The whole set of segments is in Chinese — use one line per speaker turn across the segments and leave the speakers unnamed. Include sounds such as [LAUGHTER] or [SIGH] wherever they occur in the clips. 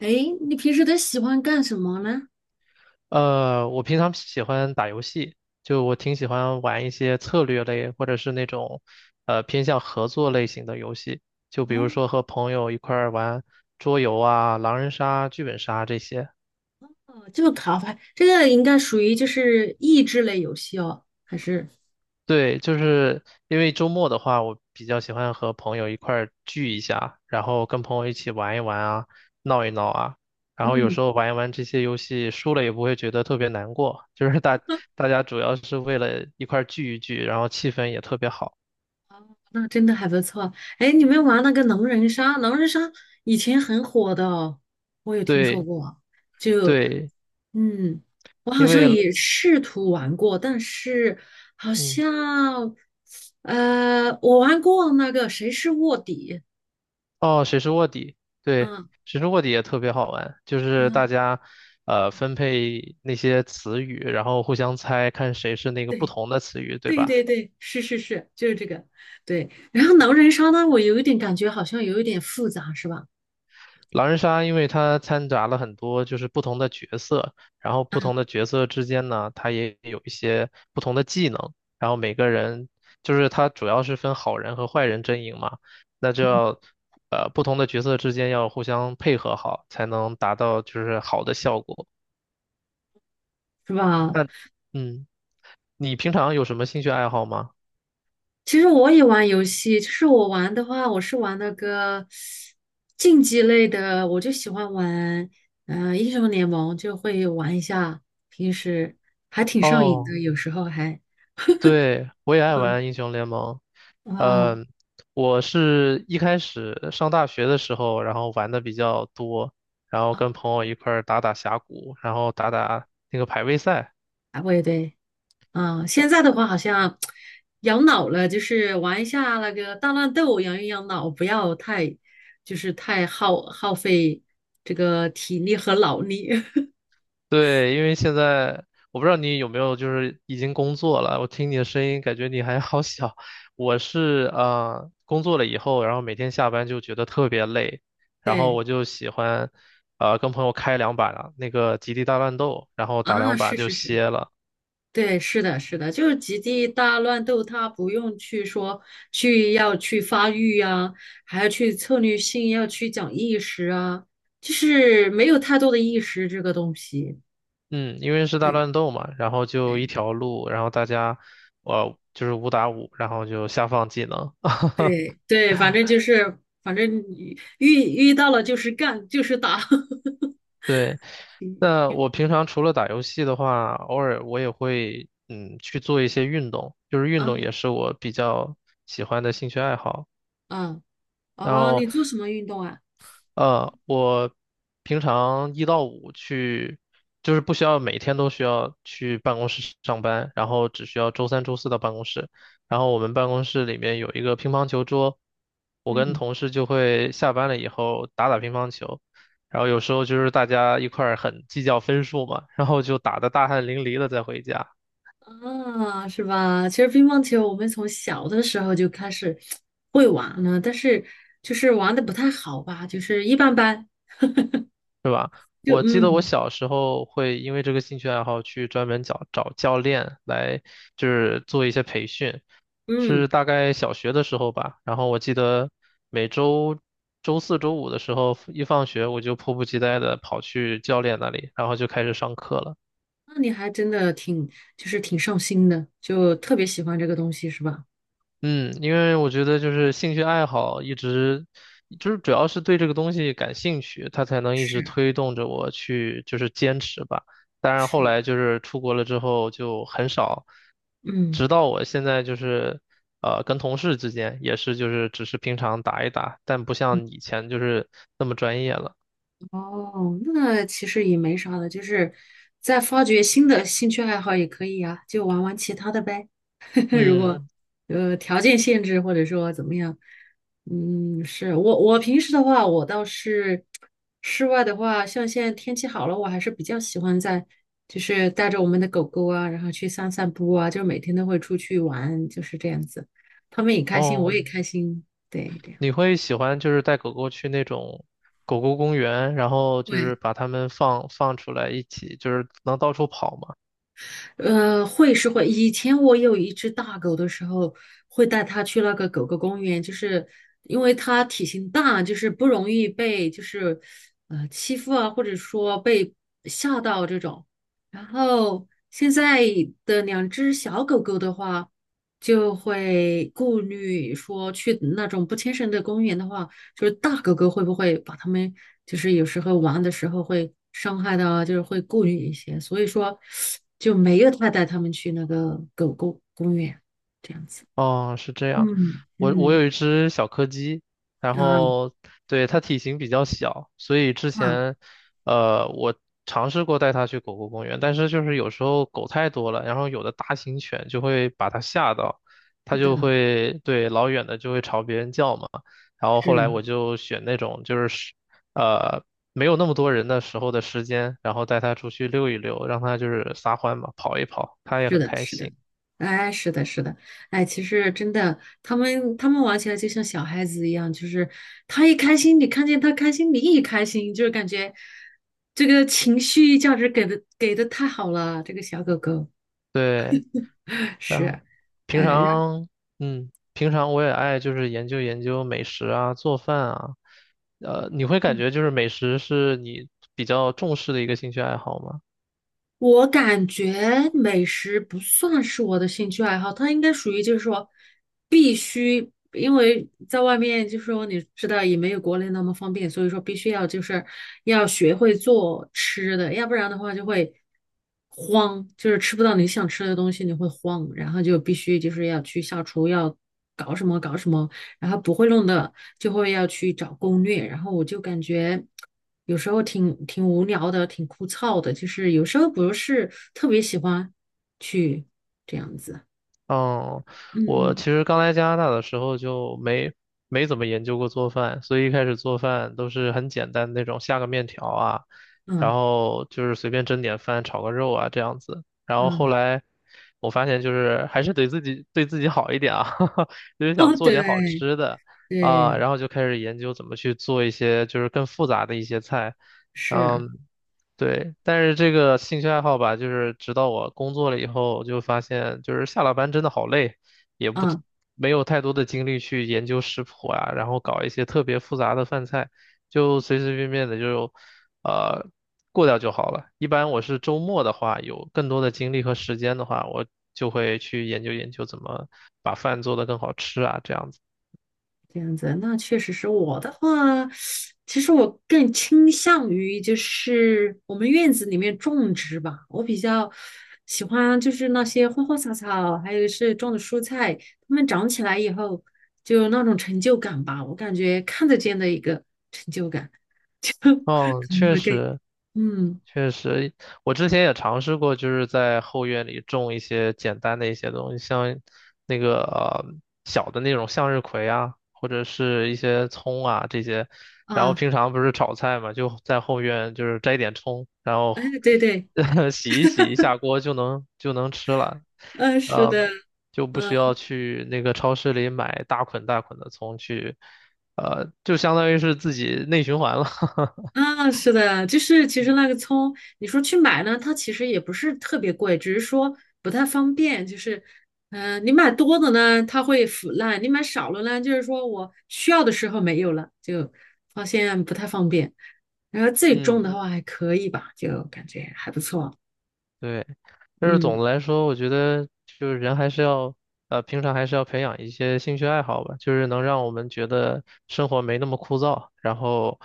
哎，你平时都喜欢干什么呢？
我平常喜欢打游戏，就我挺喜欢玩一些策略类或者是那种偏向合作类型的游戏，就比
哦，
如说和朋友一块儿玩桌游啊、狼人杀、剧本杀这些。
这个卡牌，这个应该属于就是益智类游戏哦，还是？
对，就是因为周末的话，我比较喜欢和朋友一块儿聚一下，然后跟朋友一起玩一玩啊，闹一闹啊，然后有时
嗯，
候玩一玩这些游戏，输了也不会觉得特别难过，就是大家主要是为了一块儿聚一聚，然后气氛也特别好。
那真的还不错。哎，你们玩那个狼人杀以前很火的哦，我有听说
对
过。就，
对，
嗯，我好
因
像
为
也试图玩过，但是好
嗯，
像，我玩过那个谁是卧底，
哦，谁是卧底？对，
嗯
谁是卧底也特别好玩，就是大
嗯。
家分配那些词语，然后互相猜，看谁是那个不
对。
同的词语，对
对
吧？
对对，是是是，就是这个，对。然后狼人杀呢，我有一点感觉好像有一点复杂，是吧？
狼人杀，因为它掺杂了很多就是不同的角色，然后不同的角色之间呢，它也有一些不同的技能，然后每个人就是它主要是分好人和坏人阵营嘛，那就
嗯，
要不同的角色之间要互相配合好，才能达到就是好的效果。
是吧？
那嗯，你平常有什么兴趣爱好吗？
其实我也玩游戏，就是我玩的话，我是玩那个竞技类的，我就喜欢玩，嗯，英雄联盟就会玩一下，平时还挺上瘾
哦。
的，有时候还
对，我也爱玩英雄联盟。
啊
嗯，我是一开始上大学的时候，然后玩的比较多，然后跟朋友一块儿打打峡谷，然后打打那个排位赛。
啊，我也对。嗯，现在的话好像养老了，就是玩一下那个大乱斗，养一养老，不要太就是太耗费这个体力和脑力。[LAUGHS]
对，因为现在我不知道你有没有就是已经工作了，我听你的声音感觉你还好小。我是工作了以后，然后每天下班就觉得特别累，然后
对
我就喜欢跟朋友开两把那个极地大乱斗，然后打
啊，
两把
是
就
是是，
歇了。
对，是的，是的，就是极地大乱斗，它不用去说去要去发育啊，还要去策略性，要去讲意识啊，就是没有太多的意识这个东西。
嗯，因为是大
对
乱斗嘛，然后就
对
一条路，然后大家，就是五打五，然后就下放技能。[LAUGHS]
对对，反正就是，反正你遇到了就是干，就是打。[LAUGHS]
对，那我平常除了打游戏的话，偶尔我也会嗯去做一些运动，就是运动
啊
也是我比较喜欢的兴趣爱好。
啊
然
哦，你
后
做什么运动啊？
我平常一到五去，就是不需要每天都需要去办公室上班，然后只需要周三、周四到办公室。然后我们办公室里面有一个乒乓球桌，我跟
嗯，
同事就会下班了以后打打乒乓球。然后有时候就是大家一块儿很计较分数嘛，然后就打得大汗淋漓的再回家。
啊，是吧？其实乒乓球我们从小的时候就开始会玩了，但是就是玩的不太好吧，就是一般般。
是吧？
就
我记得我
嗯
小时候会因为这个兴趣爱好去专门找教练来，就是做一些培训，
嗯，
是大概小学的时候吧。然后我记得每周周四周五的时候，一放学我就迫不及待的跑去教练那里，然后就开始上课了。
那你还真的挺就是挺上心的，就特别喜欢这个东西是吧？
嗯，因为我觉得就是兴趣爱好一直就是主要是对这个东西感兴趣，它才能一直
是
推动着我去就是坚持吧。当然后
是，
来就是出国了之后就很少，
嗯。
直到我现在就是跟同事之间也是就是只是平常打一打，但不像以前就是那么专业了。
哦，那其实也没啥的，就是再发掘新的兴趣爱好也可以呀、就玩玩其他的呗。[LAUGHS] 如果
嗯，
条件限制或者说怎么样，嗯，是我平时的话，我倒是室外的话，像现在天气好了，我还是比较喜欢在就是带着我们的狗狗啊，然后去散散步啊，就每天都会出去玩，就是这样子，他们也开心，我
哦。
也开心，对，这样。
你会喜欢就是带狗狗去那种狗狗公园，然后就是
对
把它们放出来一起，就是能到处跑吗？
会是会。以前我有一只大狗的时候，会带它去那个狗狗公园，就是因为它体型大，就是不容易被就是欺负啊，或者说被吓到这种。然后现在的两只小狗狗的话，就会顾虑说去那种不牵绳的公园的话。就是大狗狗会不会把它们，就是有时候玩的时候会伤害到啊，就是会顾虑一些，所以说就没有太带它们去那个狗狗公园这样子。
哦，是这样。
嗯
我
嗯
有一只小柯基，然
啊
后对它体型比较小，所以之
啊，
前我尝试过带它去狗狗公园，但是就是有时候狗太多了，然后有的大型犬就会把它吓到，它
是
就
的，
会对老远的就会朝别人叫嘛。然后
是
后来我就选那种就是时呃没有那么多人的时候的时间，然后带它出去溜一溜，让它就是撒欢嘛，跑一跑，它也
是
很
的，
开
是的，
心。
哎，是的，是的，哎，其实真的，他们玩起来就像小孩子一样，就是他一开心，你看见他开心，你也开心，就是感觉这个情绪价值给的太好了，这个小狗狗。
对。然
是，
后。平
哎，然
常，嗯，平常我也爱就是研究研究美食啊，做饭啊。你会感
嗯，
觉就是美食是你比较重视的一个兴趣爱好吗？
我感觉美食不算是我的兴趣爱好，它应该属于就是说必须，因为在外面就是说你知道也没有国内那么方便，所以说必须要就是要学会做吃的，要不然的话就会慌，就是吃不到你想吃的东西，你会慌，然后就必须就是要去下厨，要搞什么，然后不会弄的。就会要去找攻略，然后我就感觉有时候挺无聊的，挺枯燥的，就是有时候不是特别喜欢去这样子。
嗯，我其
嗯
实刚来加拿大的时候就没怎么研究过做饭，所以一开始做饭都是很简单的那种下个面条啊，然
嗯
后就是随便蒸点饭、炒个肉啊这样子。然后后
嗯，
来我发现就是还是得自己对自己好一点啊，[LAUGHS] 就是
[LAUGHS]
想
哦，
做
对
点好吃的啊，
对，
然后就开始研究怎么去做一些就是更复杂的一些菜。
是，
嗯。对，但是这个兴趣爱好吧，就是直到我工作了以后，我就发现就是下了班真的好累，也不
嗯。
没有太多的精力去研究食谱啊，然后搞一些特别复杂的饭菜，就随随便便的就呃过掉就好了。一般我是周末的话，有更多的精力和时间的话，我就会去研究研究怎么把饭做得更好吃啊，这样子。
这样子，那确实是我的话，其实我更倾向于就是我们院子里面种植吧，我比较喜欢就是那些花花草草，还有是种的蔬菜，它们长起来以后就有那种成就感吧，我感觉看得见的一个成就感，[LAUGHS]
嗯，
可能
确
会更
实，
嗯
确实，我之前也尝试过，就是在后院里种一些简单的一些东西，像那个小的那种向日葵啊，或者是一些葱啊这些。然后
啊，
平常不是炒菜嘛，就在后院就是摘点葱，然后
哎，对对，
[LAUGHS] 洗一下锅就能吃了，
嗯、是
呃，
的，
就不需
嗯、
要去那个超市里买大捆大捆的葱去，就相当于是自己内循环了，
啊，是的，就是其实那个葱，你说去买呢，它其实也不是特别贵，只是说不太方便。就是，嗯、你买多的呢，它会腐烂；你买少了呢，就是说我需要的时候没有了，就发现不太方便。然后自
[LAUGHS]
己种的
嗯。
话还可以吧，就感觉还不错。
对，但是总
嗯
的来说，我觉得就是人还是要，平常还是要培养一些兴趣爱好吧，就是能让我们觉得生活没那么枯燥，然后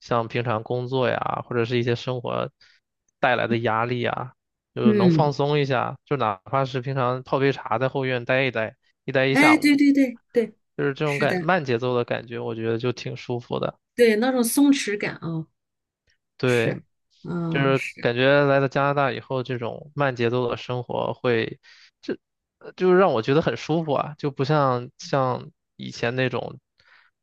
像平常工作呀，或者是一些生活带来的压力啊，就是能放
嗯，
松一下，就哪怕是平常泡杯茶在后院待一待，一
哎，
下
对
午，
对对对，
就是这种
是的，
感，慢节奏的感觉，我觉得就挺舒服的。
对那种松弛感啊、
对，
是，
就
嗯
是
是，
感觉来到加拿大以后，这种慢节奏的生活会，这就是让我觉得很舒服啊，就不像以前那种，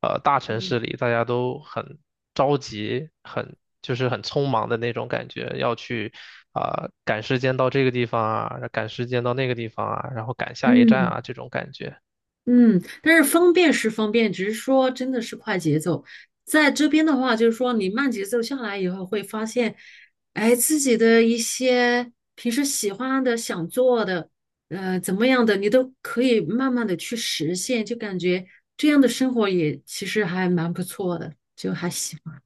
大城
嗯
市里大家都很着急，很就是很匆忙的那种感觉，要去啊、赶时间到这个地方啊，赶时间到那个地方啊，然后赶下一站
嗯。
啊这种感觉。
嗯，但是方便是方便，只是说真的是快节奏。在这边的话，就是说你慢节奏下来以后，会发现，哎，自己的一些平时喜欢的、想做的，怎么样的，你都可以慢慢的去实现，就感觉这样的生活也其实还蛮不错的，就还喜欢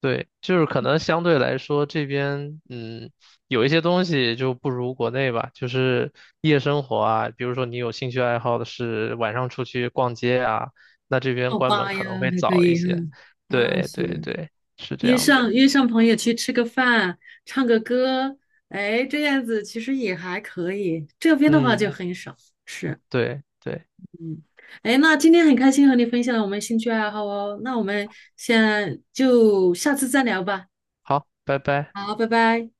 对，就是可能相对来说这边，嗯，有一些东西就不如国内吧，就是夜生活啊，比如说你有兴趣爱好的是晚上出去逛街啊，那这边
泡
关门
吧
可能
呀，
会
还可
早一
以，哈，
些。
那
对
是
对
的
对，是这
约
样的。
上约上朋友去吃个饭，唱个歌，哎，这样子其实也还可以。这边的话就
嗯，
很少，是，
对对，
嗯，哎，那今天很开心和你分享我们兴趣爱好哦，那我们先就下次再聊吧。
好，拜拜。
好，拜拜。